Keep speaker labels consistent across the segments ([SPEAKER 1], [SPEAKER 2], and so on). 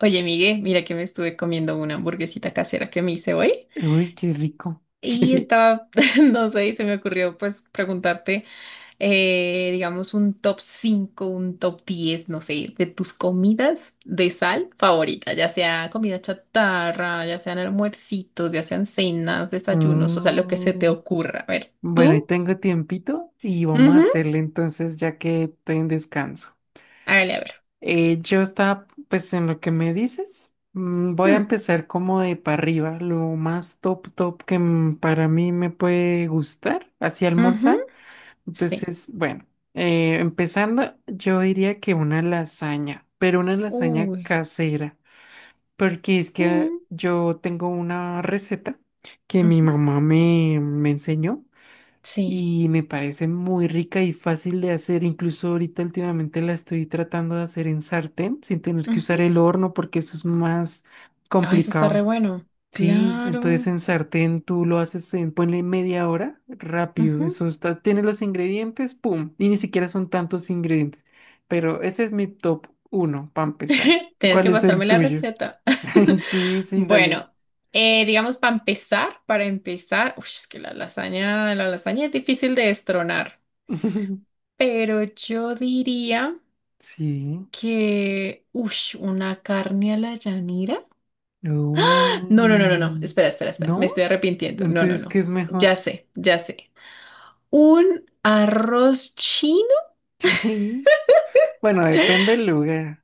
[SPEAKER 1] Oye, Miguel, mira que me estuve comiendo una hamburguesita casera que me hice hoy
[SPEAKER 2] Uy, qué rico.
[SPEAKER 1] y estaba, no sé, y se me ocurrió pues preguntarte, digamos, un top 5, un top 10, no sé, de tus comidas de sal favorita, ya sea comida chatarra, ya sean almuercitos, ya sean cenas, desayunos, o sea, lo que se te
[SPEAKER 2] Mm,
[SPEAKER 1] ocurra. A ver,
[SPEAKER 2] bueno, ahí
[SPEAKER 1] tú.
[SPEAKER 2] tengo tiempito y vamos a
[SPEAKER 1] Ujú.
[SPEAKER 2] hacerle entonces ya que estoy en descanso.
[SPEAKER 1] Hágale, a ver.
[SPEAKER 2] Yo estaba, pues en lo que me dices, voy a
[SPEAKER 1] Mm,
[SPEAKER 2] empezar como de para arriba, lo más top top que para mí me puede gustar, así
[SPEAKER 1] ujú.
[SPEAKER 2] almorzar.
[SPEAKER 1] Sí.
[SPEAKER 2] Entonces, bueno, empezando, yo diría que una lasaña, pero una lasaña
[SPEAKER 1] Uy.
[SPEAKER 2] casera. Porque es que
[SPEAKER 1] Mm,
[SPEAKER 2] yo tengo una receta que mi
[SPEAKER 1] ujú.
[SPEAKER 2] mamá me enseñó
[SPEAKER 1] Sí.
[SPEAKER 2] y me parece muy rica y fácil de hacer. Incluso ahorita últimamente la estoy tratando de hacer en sartén sin tener que usar el horno porque eso es más
[SPEAKER 1] Ay, eso está re
[SPEAKER 2] complicado.
[SPEAKER 1] bueno.
[SPEAKER 2] Sí, entonces
[SPEAKER 1] Claro.
[SPEAKER 2] en sartén tú lo haces en, ponle media hora, rápido.
[SPEAKER 1] Ujú.
[SPEAKER 2] Eso está, tiene los ingredientes, pum. Y ni siquiera son tantos ingredientes. Pero ese es mi top uno para empezar.
[SPEAKER 1] Tienes
[SPEAKER 2] ¿Cuál
[SPEAKER 1] que
[SPEAKER 2] es el
[SPEAKER 1] pasarme la
[SPEAKER 2] tuyo?
[SPEAKER 1] receta.
[SPEAKER 2] Sí, sí, dale.
[SPEAKER 1] Bueno, digamos para empezar, uy, es que la lasaña es difícil de destronar, pero yo diría
[SPEAKER 2] Sí.
[SPEAKER 1] que, uy, una carne a la llanera. No, no, no, no, no.
[SPEAKER 2] Uy.
[SPEAKER 1] Espera, espera, espera. Me
[SPEAKER 2] ¿No?
[SPEAKER 1] estoy arrepintiendo. No, no,
[SPEAKER 2] Entonces,
[SPEAKER 1] no.
[SPEAKER 2] ¿qué es
[SPEAKER 1] Ya
[SPEAKER 2] mejor?
[SPEAKER 1] sé, ya sé. Un arroz chino.
[SPEAKER 2] Bueno, depende del lugar.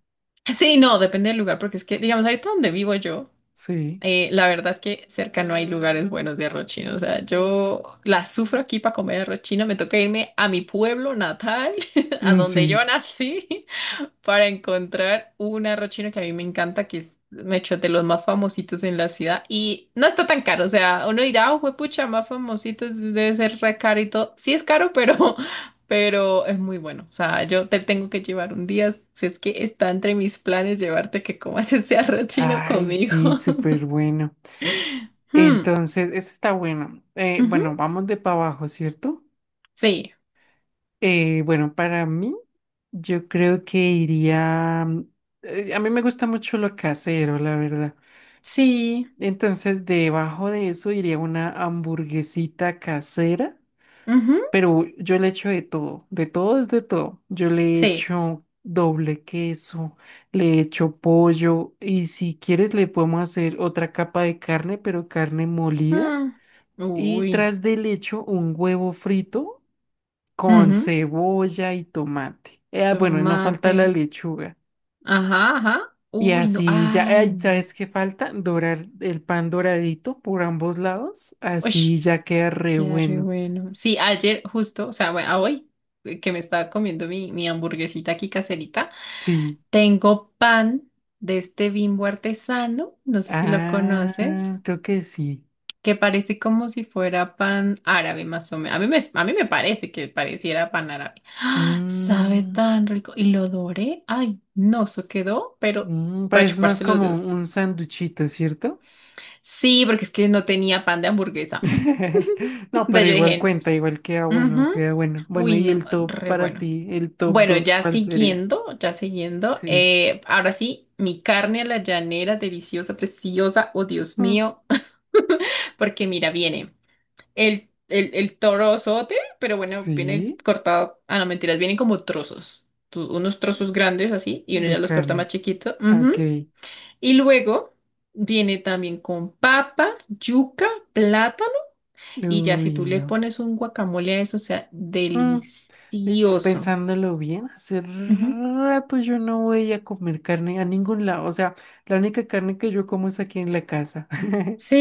[SPEAKER 1] Sí, no, depende del lugar, porque es que, digamos, ahorita donde vivo yo.
[SPEAKER 2] Sí.
[SPEAKER 1] La verdad es que cerca no hay lugares buenos de arroz chino. O sea, yo la sufro aquí para comer arroz chino. Me toca irme a mi pueblo natal, a
[SPEAKER 2] Mm,
[SPEAKER 1] donde yo
[SPEAKER 2] sí.
[SPEAKER 1] nací, para encontrar un arroz chino que a mí me encanta, que es me echo, de los más famositos en la ciudad. Y no está tan caro. O sea, uno dirá, oh, juepucha, más famositos debe ser re caro y todo. Sí es caro, pero, pero es muy bueno. O sea, yo te tengo que llevar un día. Si es que está entre mis planes llevarte que comas ese arroz chino
[SPEAKER 2] Ay,
[SPEAKER 1] conmigo.
[SPEAKER 2] sí, súper bueno.
[SPEAKER 1] Hmm.
[SPEAKER 2] Entonces, este está bueno.
[SPEAKER 1] Ujú.
[SPEAKER 2] Bueno, vamos de para abajo, ¿cierto?
[SPEAKER 1] Sí,
[SPEAKER 2] Bueno, para mí, yo creo que iría. A mí me gusta mucho lo casero, la verdad.
[SPEAKER 1] sí,
[SPEAKER 2] Entonces, debajo de eso iría una hamburguesita casera.
[SPEAKER 1] ujú,
[SPEAKER 2] Pero yo le echo de todo es de todo. Yo le
[SPEAKER 1] sí.
[SPEAKER 2] echo doble queso, le echo pollo y si quieres le podemos hacer otra capa de carne, pero carne molida.
[SPEAKER 1] Mm.
[SPEAKER 2] Y
[SPEAKER 1] Uy,
[SPEAKER 2] tras del echo un huevo frito con
[SPEAKER 1] ujú.
[SPEAKER 2] cebolla y tomate. Bueno, y no falta
[SPEAKER 1] Tomate.
[SPEAKER 2] la lechuga.
[SPEAKER 1] Ajá, ajá.
[SPEAKER 2] Y
[SPEAKER 1] Uy, no,
[SPEAKER 2] así ya,
[SPEAKER 1] ay.
[SPEAKER 2] ay, ¿sabes qué falta? Dorar el pan doradito por ambos lados.
[SPEAKER 1] Uy,
[SPEAKER 2] Así ya queda re
[SPEAKER 1] queda re
[SPEAKER 2] bueno.
[SPEAKER 1] bueno. Sí, ayer justo, o sea, bueno, a hoy que me estaba comiendo mi hamburguesita aquí caserita,
[SPEAKER 2] Sí.
[SPEAKER 1] tengo pan de este Bimbo artesano, no sé si lo conoces,
[SPEAKER 2] Ah, creo que sí.
[SPEAKER 1] que parece como si fuera pan árabe, más o menos. A mí me parece que pareciera pan árabe. ¡Ah! Sabe
[SPEAKER 2] Mm,
[SPEAKER 1] tan rico. Y lo doré. Ay, no, eso quedó, pero para
[SPEAKER 2] pues es más
[SPEAKER 1] chuparse los
[SPEAKER 2] como
[SPEAKER 1] dedos.
[SPEAKER 2] un sanduchito, ¿cierto?
[SPEAKER 1] Sí, porque es que no tenía pan de hamburguesa.
[SPEAKER 2] No,
[SPEAKER 1] Entonces
[SPEAKER 2] pero
[SPEAKER 1] yo
[SPEAKER 2] igual
[SPEAKER 1] dije, no,
[SPEAKER 2] cuenta,
[SPEAKER 1] pues,
[SPEAKER 2] igual queda bueno,
[SPEAKER 1] ujú.
[SPEAKER 2] queda bueno. Bueno,
[SPEAKER 1] Uy,
[SPEAKER 2] ¿y
[SPEAKER 1] no,
[SPEAKER 2] el top
[SPEAKER 1] re
[SPEAKER 2] para
[SPEAKER 1] bueno.
[SPEAKER 2] ti, el top
[SPEAKER 1] Bueno,
[SPEAKER 2] 2,
[SPEAKER 1] ya
[SPEAKER 2] cuál sería?
[SPEAKER 1] siguiendo, ya siguiendo,
[SPEAKER 2] Sí.
[SPEAKER 1] ahora sí, mi carne a la llanera, deliciosa, preciosa. Oh, Dios
[SPEAKER 2] Mm,
[SPEAKER 1] mío. Porque mira, viene el torozote, pero bueno, viene
[SPEAKER 2] sí,
[SPEAKER 1] cortado. Ah, no, mentiras, vienen como trozos. Unos trozos grandes así, y uno
[SPEAKER 2] de
[SPEAKER 1] ya los corta
[SPEAKER 2] carne.
[SPEAKER 1] más chiquito. Ujú.
[SPEAKER 2] Ok.
[SPEAKER 1] Y luego viene también con papa, yuca, plátano. Y ya si
[SPEAKER 2] Uy,
[SPEAKER 1] tú le
[SPEAKER 2] no.
[SPEAKER 1] pones un guacamole a eso, o sea,
[SPEAKER 2] Mm, y ya
[SPEAKER 1] delicioso.
[SPEAKER 2] pensándolo bien, hace
[SPEAKER 1] Ujú.
[SPEAKER 2] rato yo no voy a comer carne a ningún lado. O sea, la única carne que yo como es aquí en la casa.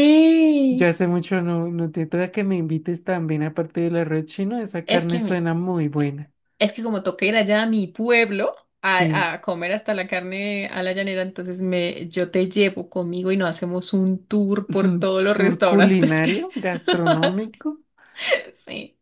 [SPEAKER 2] Yo hace mucho no, no te toca que me invites también, aparte del arroz chino, esa
[SPEAKER 1] es que
[SPEAKER 2] carne
[SPEAKER 1] me-
[SPEAKER 2] suena muy buena.
[SPEAKER 1] Es que como toca ir allá a mi pueblo a,
[SPEAKER 2] Sí,
[SPEAKER 1] a comer hasta la carne a la llanera, entonces me, yo te llevo conmigo y nos hacemos un tour por todos los
[SPEAKER 2] tour
[SPEAKER 1] restaurantes que
[SPEAKER 2] culinario, gastronómico.
[SPEAKER 1] sí,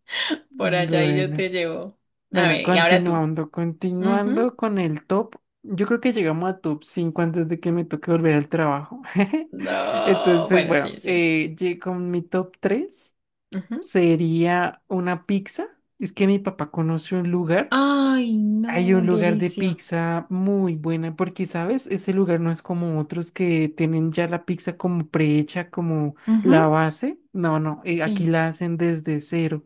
[SPEAKER 1] por allá y yo te
[SPEAKER 2] Bueno,
[SPEAKER 1] llevo. A
[SPEAKER 2] bueno,
[SPEAKER 1] ver, y ahora tú.
[SPEAKER 2] continuando,
[SPEAKER 1] Ujú.
[SPEAKER 2] continuando con el top. Yo creo que llegamos a top 5 antes de que me toque volver al trabajo.
[SPEAKER 1] No,
[SPEAKER 2] Entonces,
[SPEAKER 1] bueno,
[SPEAKER 2] bueno,
[SPEAKER 1] sí, sí.
[SPEAKER 2] con mi top 3
[SPEAKER 1] Ujú.
[SPEAKER 2] sería una pizza. Es que mi papá conoce un lugar.
[SPEAKER 1] Ay,
[SPEAKER 2] Hay
[SPEAKER 1] no,
[SPEAKER 2] un lugar de
[SPEAKER 1] delicia.
[SPEAKER 2] pizza muy buena porque, ¿sabes? Ese lugar no es como otros que tienen ya la pizza como prehecha, como la
[SPEAKER 1] Ujú.
[SPEAKER 2] base. No, no, aquí
[SPEAKER 1] Sí.
[SPEAKER 2] la hacen desde cero.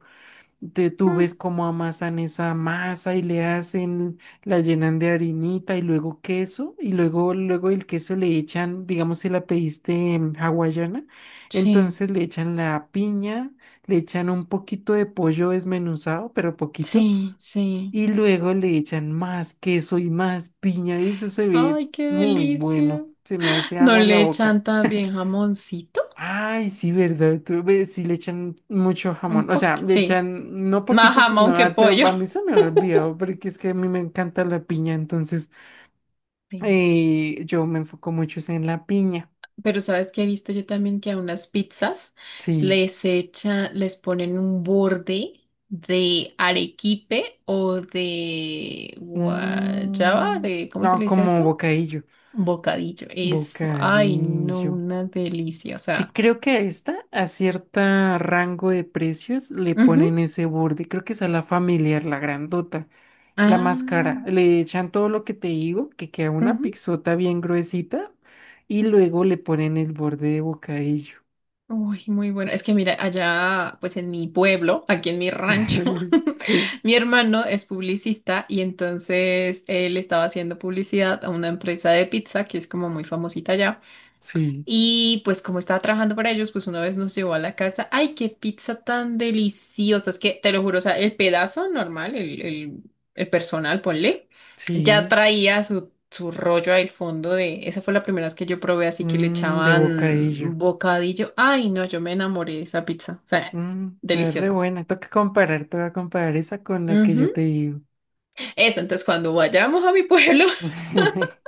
[SPEAKER 2] Tú
[SPEAKER 1] Mm,
[SPEAKER 2] ves cómo amasan esa masa y le hacen, la llenan de harinita y luego queso y luego el queso le echan, digamos si la pediste hawaiana,
[SPEAKER 1] sí,
[SPEAKER 2] entonces le echan la piña, le echan un poquito de pollo desmenuzado, pero poquito
[SPEAKER 1] sí, sí.
[SPEAKER 2] y luego le echan más queso y más piña. Y eso se ve
[SPEAKER 1] Ay, qué
[SPEAKER 2] muy
[SPEAKER 1] delicia.
[SPEAKER 2] bueno. Se me hace
[SPEAKER 1] ¿No
[SPEAKER 2] agua la
[SPEAKER 1] le
[SPEAKER 2] boca.
[SPEAKER 1] echan también jamoncito?
[SPEAKER 2] Ay, sí, ¿verdad? Tú ves, sí le echan mucho
[SPEAKER 1] Un
[SPEAKER 2] jamón. O
[SPEAKER 1] poco,
[SPEAKER 2] sea, le
[SPEAKER 1] sí.
[SPEAKER 2] echan no
[SPEAKER 1] Más
[SPEAKER 2] poquito, sino
[SPEAKER 1] jamón que
[SPEAKER 2] harto.
[SPEAKER 1] pollo.
[SPEAKER 2] A mí se me había olvidado, porque es que a mí me encanta la piña. Entonces,
[SPEAKER 1] Sí.
[SPEAKER 2] yo me enfoco mucho es en la piña.
[SPEAKER 1] Pero sabes que he visto yo también que a unas pizzas
[SPEAKER 2] Sí.
[SPEAKER 1] les echa, les ponen un borde de arequipe o de guayaba,
[SPEAKER 2] Mm,
[SPEAKER 1] de, ¿cómo se le
[SPEAKER 2] no,
[SPEAKER 1] dice
[SPEAKER 2] como
[SPEAKER 1] esto?
[SPEAKER 2] bocadillo.
[SPEAKER 1] Bocadillo. Eso. Ay, no,
[SPEAKER 2] Bocadillo.
[SPEAKER 1] una delicia. O
[SPEAKER 2] Sí,
[SPEAKER 1] sea.
[SPEAKER 2] creo que a esta, a cierta rango de precios, le ponen
[SPEAKER 1] Ujú.
[SPEAKER 2] ese borde. Creo que esa es la familiar, la grandota, la
[SPEAKER 1] Ah.
[SPEAKER 2] más cara. Le echan todo lo que te digo, que queda una
[SPEAKER 1] Ujú.
[SPEAKER 2] pixota bien gruesita, y luego le ponen el borde de bocadillo.
[SPEAKER 1] Uy, muy bueno. Es que mira, allá, pues en mi pueblo, aquí en mi rancho,
[SPEAKER 2] Sí,
[SPEAKER 1] mi hermano es publicista y entonces él estaba haciendo publicidad a una empresa de pizza que es como muy famosita allá.
[SPEAKER 2] sí,
[SPEAKER 1] Y pues como estaba trabajando para ellos, pues una vez nos llevó a la casa. ¡Ay, qué pizza tan deliciosa! Es que te lo juro, o sea, el pedazo normal, el personal, ponle, ya
[SPEAKER 2] sí.
[SPEAKER 1] traía su rollo al fondo de... Esa fue la primera vez que yo probé, así que le
[SPEAKER 2] Mm, de
[SPEAKER 1] echaban
[SPEAKER 2] bocadillo.
[SPEAKER 1] bocadillo. ¡Ay, no! Yo me enamoré de esa pizza. O sea,
[SPEAKER 2] Mm, está re
[SPEAKER 1] deliciosa.
[SPEAKER 2] buena. Toca comparar esa con la que yo
[SPEAKER 1] Ujú.
[SPEAKER 2] te digo.
[SPEAKER 1] Eso, entonces cuando vayamos a mi pueblo,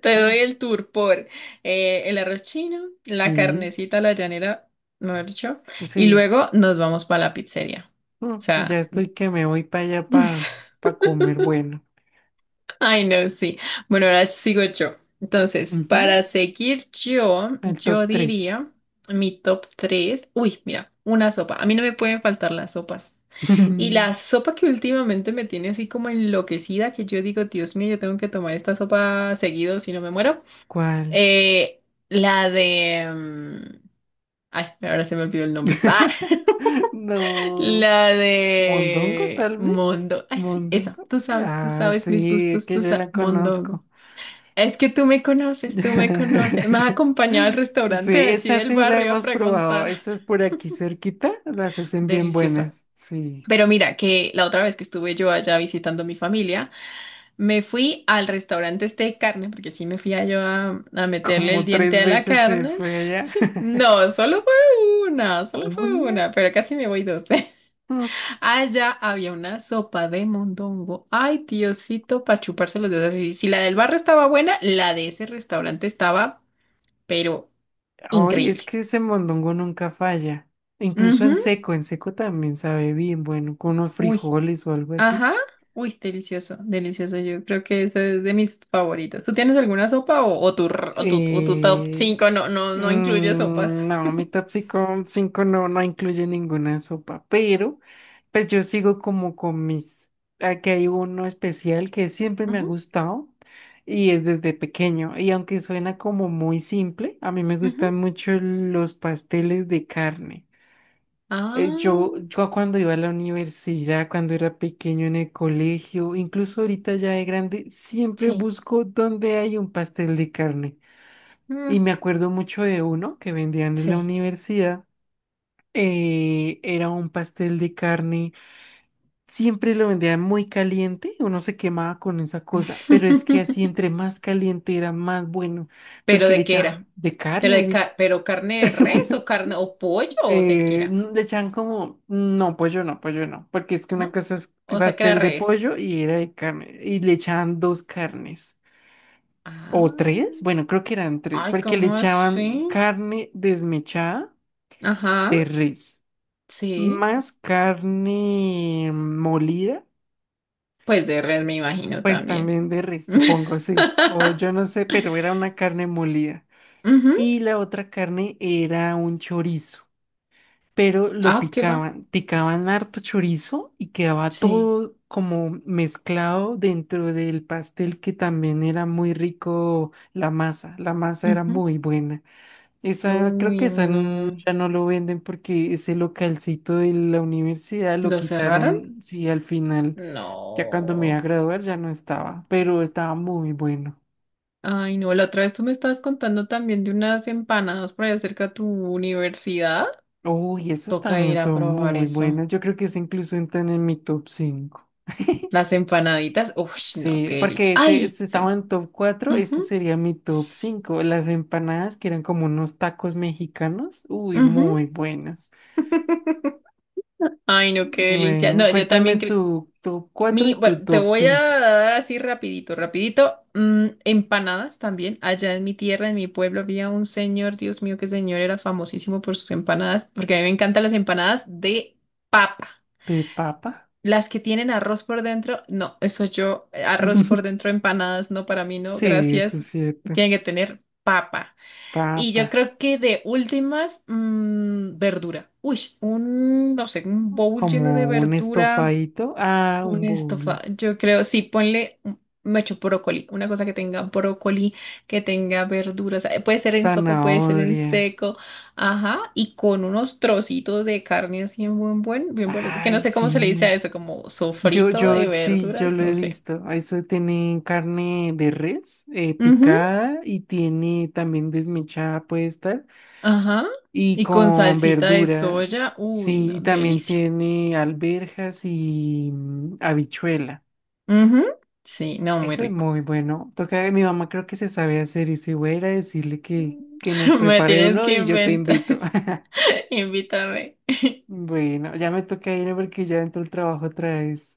[SPEAKER 1] te doy el tour por el arroz chino, la
[SPEAKER 2] Sí,
[SPEAKER 1] carnecita, a la llanera, mejor dicho, y
[SPEAKER 2] sí.
[SPEAKER 1] luego nos vamos para la pizzería. O
[SPEAKER 2] No, ya
[SPEAKER 1] sea,
[SPEAKER 2] estoy que me voy para allá para comer bueno.
[SPEAKER 1] ay no, sí. Bueno, ahora sigo yo. Entonces,
[SPEAKER 2] Ujú,
[SPEAKER 1] para seguir yo,
[SPEAKER 2] al
[SPEAKER 1] yo
[SPEAKER 2] top tres.
[SPEAKER 1] diría mi top 3. Uy, mira, una sopa. A mí no me pueden faltar las sopas. Y la sopa que últimamente me tiene así como enloquecida, que yo digo, Dios mío, yo tengo que tomar esta sopa seguido, si no me muero.
[SPEAKER 2] ¿Cuál?
[SPEAKER 1] Eh, la de... ay, ahora se me olvidó el nombre. ¡Ah!
[SPEAKER 2] No.
[SPEAKER 1] La
[SPEAKER 2] ¿Mondongo
[SPEAKER 1] de
[SPEAKER 2] tal vez?
[SPEAKER 1] Mondo. Ay, sí, esa.
[SPEAKER 2] ¿Mondongo?
[SPEAKER 1] Tú
[SPEAKER 2] Ah,
[SPEAKER 1] sabes mis
[SPEAKER 2] sí, es
[SPEAKER 1] gustos,
[SPEAKER 2] que
[SPEAKER 1] tú
[SPEAKER 2] yo
[SPEAKER 1] sabes.
[SPEAKER 2] la
[SPEAKER 1] Mondongo.
[SPEAKER 2] conozco.
[SPEAKER 1] Es que tú me conoces, tú me conoces. Me has acompañado al
[SPEAKER 2] Sí,
[SPEAKER 1] restaurante de allí
[SPEAKER 2] esa
[SPEAKER 1] del
[SPEAKER 2] sí la
[SPEAKER 1] barrio a
[SPEAKER 2] hemos probado.
[SPEAKER 1] preguntar.
[SPEAKER 2] Esa es por aquí cerquita. Las hacen bien
[SPEAKER 1] Deliciosa.
[SPEAKER 2] buenas. Sí.
[SPEAKER 1] Pero mira, que la otra vez que estuve yo allá visitando a mi familia, me fui al restaurante este de carne, porque sí me fui a yo a meterle el
[SPEAKER 2] Como
[SPEAKER 1] diente
[SPEAKER 2] tres
[SPEAKER 1] a la
[SPEAKER 2] veces se
[SPEAKER 1] carne.
[SPEAKER 2] fue allá.
[SPEAKER 1] No, solo fue
[SPEAKER 2] ¿Una?
[SPEAKER 1] una, pero casi me voy dos.
[SPEAKER 2] No.
[SPEAKER 1] Allá había una sopa de mondongo. Ay, Diosito, para chuparse los dedos. Si, si la del barrio estaba buena, la de ese restaurante estaba, pero
[SPEAKER 2] Ay, es
[SPEAKER 1] increíble.
[SPEAKER 2] que ese mondongo nunca falla. Incluso
[SPEAKER 1] Ujú.
[SPEAKER 2] en seco también sabe bien, bueno, con unos
[SPEAKER 1] Uy,
[SPEAKER 2] frijoles o algo así.
[SPEAKER 1] ajá. Uy, delicioso, delicioso. Yo creo que eso es de mis favoritos. ¿Tú tienes alguna sopa o, o tu top
[SPEAKER 2] Eh,
[SPEAKER 1] cinco no, no, no incluye sopas?
[SPEAKER 2] no, mi top cinco cinco no, no incluye ninguna sopa, pero pues yo sigo como con mis... Aquí hay uno especial que siempre me ha
[SPEAKER 1] Ujú,
[SPEAKER 2] gustado y es desde pequeño. Y aunque suena como muy simple, a mí me
[SPEAKER 1] ujú.
[SPEAKER 2] gustan mucho los pasteles de carne.
[SPEAKER 1] Ah,
[SPEAKER 2] Yo cuando iba a la universidad, cuando era pequeño en el colegio, incluso ahorita ya de grande, siempre
[SPEAKER 1] sí.
[SPEAKER 2] busco donde hay un pastel de carne. Y
[SPEAKER 1] Mm,
[SPEAKER 2] me acuerdo mucho de uno que vendían en la
[SPEAKER 1] sí.
[SPEAKER 2] universidad. Era un pastel de carne, siempre lo vendían muy caliente, uno se quemaba con esa cosa, pero es que así entre más caliente era más bueno,
[SPEAKER 1] ¿Pero
[SPEAKER 2] porque le
[SPEAKER 1] de qué era?
[SPEAKER 2] echaban de carne.
[SPEAKER 1] ¿Pero carne de res o carne o pollo o de qué era?
[SPEAKER 2] Le echan como, no, pollo no, pollo no, porque es que una
[SPEAKER 1] ¿No?
[SPEAKER 2] cosa es
[SPEAKER 1] O sea, que era
[SPEAKER 2] pastel de
[SPEAKER 1] res.
[SPEAKER 2] pollo y era de carne, y le echaban dos carnes,
[SPEAKER 1] Ah,
[SPEAKER 2] o tres, bueno, creo que eran tres,
[SPEAKER 1] ay,
[SPEAKER 2] porque le
[SPEAKER 1] ¿cómo
[SPEAKER 2] echaban
[SPEAKER 1] así?
[SPEAKER 2] carne desmechada
[SPEAKER 1] Ajá,
[SPEAKER 2] de res,
[SPEAKER 1] sí.
[SPEAKER 2] más carne molida,
[SPEAKER 1] Pues de res me imagino
[SPEAKER 2] pues
[SPEAKER 1] también.
[SPEAKER 2] también de res, supongo, sí, o yo no sé, pero era una carne molida,
[SPEAKER 1] Ujú.
[SPEAKER 2] y la otra carne era un chorizo. Pero lo
[SPEAKER 1] Ah, ¿qué va?
[SPEAKER 2] picaban, picaban harto chorizo y quedaba
[SPEAKER 1] Sí.
[SPEAKER 2] todo como mezclado dentro del pastel que también era muy rico la masa era
[SPEAKER 1] Ujú.
[SPEAKER 2] muy buena. Esa, creo que
[SPEAKER 1] Uy, no.
[SPEAKER 2] ya no lo venden porque ese localcito de la universidad lo
[SPEAKER 1] ¿Lo cerraron?
[SPEAKER 2] quitaron, sí, al final, ya cuando me iba a
[SPEAKER 1] No.
[SPEAKER 2] graduar ya no estaba, pero estaba muy bueno.
[SPEAKER 1] Ay, no. La otra vez tú me estabas contando también de unas empanadas por allá cerca de tu universidad.
[SPEAKER 2] Uy, esas
[SPEAKER 1] Toca
[SPEAKER 2] también
[SPEAKER 1] ir a
[SPEAKER 2] son
[SPEAKER 1] probar
[SPEAKER 2] muy
[SPEAKER 1] eso.
[SPEAKER 2] buenas. Yo creo que esas incluso entran en mi top 5.
[SPEAKER 1] Las empanaditas, uff, no,
[SPEAKER 2] Sí,
[SPEAKER 1] qué delicia.
[SPEAKER 2] porque ese,
[SPEAKER 1] ¡Ay!
[SPEAKER 2] ese
[SPEAKER 1] Sí.
[SPEAKER 2] estaba en top cuatro, este
[SPEAKER 1] Ujú,
[SPEAKER 2] sería mi top 5. Las empanadas que eran como unos tacos mexicanos, uy,
[SPEAKER 1] ujú.
[SPEAKER 2] muy buenos.
[SPEAKER 1] Ay, no, qué delicia.
[SPEAKER 2] Bueno,
[SPEAKER 1] No, yo también
[SPEAKER 2] cuéntame
[SPEAKER 1] creo.
[SPEAKER 2] tu top cuatro
[SPEAKER 1] Mi,
[SPEAKER 2] y tu
[SPEAKER 1] bueno, te
[SPEAKER 2] top
[SPEAKER 1] voy a
[SPEAKER 2] cinco
[SPEAKER 1] dar así rapidito, rapidito. Mm, empanadas también. Allá en mi tierra, en mi pueblo, había un señor, Dios mío, qué señor, era famosísimo por sus empanadas, porque a mí me encantan las empanadas de papa.
[SPEAKER 2] de papa.
[SPEAKER 1] Las que tienen arroz por dentro, no, eso yo, arroz por dentro, empanadas, no, para mí no,
[SPEAKER 2] Sí, eso
[SPEAKER 1] gracias.
[SPEAKER 2] es cierto.
[SPEAKER 1] Tienen que tener papa. Y
[SPEAKER 2] Papa,
[SPEAKER 1] yo creo que de últimas, mm, verdura. Uy, un, no sé, un bowl lleno de
[SPEAKER 2] como un
[SPEAKER 1] verdura,
[SPEAKER 2] estofadito, ah,
[SPEAKER 1] un
[SPEAKER 2] un
[SPEAKER 1] estofa.
[SPEAKER 2] bowl,
[SPEAKER 1] Yo creo, sí, ponle, me echo brócoli, una cosa que tenga brócoli, que tenga verduras. Puede ser en sopa, puede ser en
[SPEAKER 2] zanahoria.
[SPEAKER 1] seco. Ajá, y con unos trocitos de carne así en bien buenos. Que no
[SPEAKER 2] Ay,
[SPEAKER 1] sé cómo se le dice a
[SPEAKER 2] sí.
[SPEAKER 1] eso, como sofrito de
[SPEAKER 2] Sí, yo
[SPEAKER 1] verduras,
[SPEAKER 2] lo
[SPEAKER 1] no
[SPEAKER 2] he
[SPEAKER 1] sé.
[SPEAKER 2] visto. Eso tiene carne de res
[SPEAKER 1] Ujú.
[SPEAKER 2] picada y tiene también desmechada, puede estar,
[SPEAKER 1] Ajá,
[SPEAKER 2] y
[SPEAKER 1] y con
[SPEAKER 2] con
[SPEAKER 1] salsita de
[SPEAKER 2] verdura.
[SPEAKER 1] soya. Uy,
[SPEAKER 2] Sí,
[SPEAKER 1] no,
[SPEAKER 2] y también
[SPEAKER 1] delicia.
[SPEAKER 2] tiene alberjas y habichuela.
[SPEAKER 1] Ujú. Sí, no, muy
[SPEAKER 2] Eso es
[SPEAKER 1] rico.
[SPEAKER 2] muy bueno. Toca, mi mamá creo que se sabe hacer y si voy a ir a decirle
[SPEAKER 1] Mm.
[SPEAKER 2] que nos
[SPEAKER 1] Me
[SPEAKER 2] prepare
[SPEAKER 1] tienes
[SPEAKER 2] uno
[SPEAKER 1] que
[SPEAKER 2] y yo te
[SPEAKER 1] inventar.
[SPEAKER 2] invito.
[SPEAKER 1] Invítame.
[SPEAKER 2] Bueno, ya me toca ir porque ya entró el trabajo otra vez.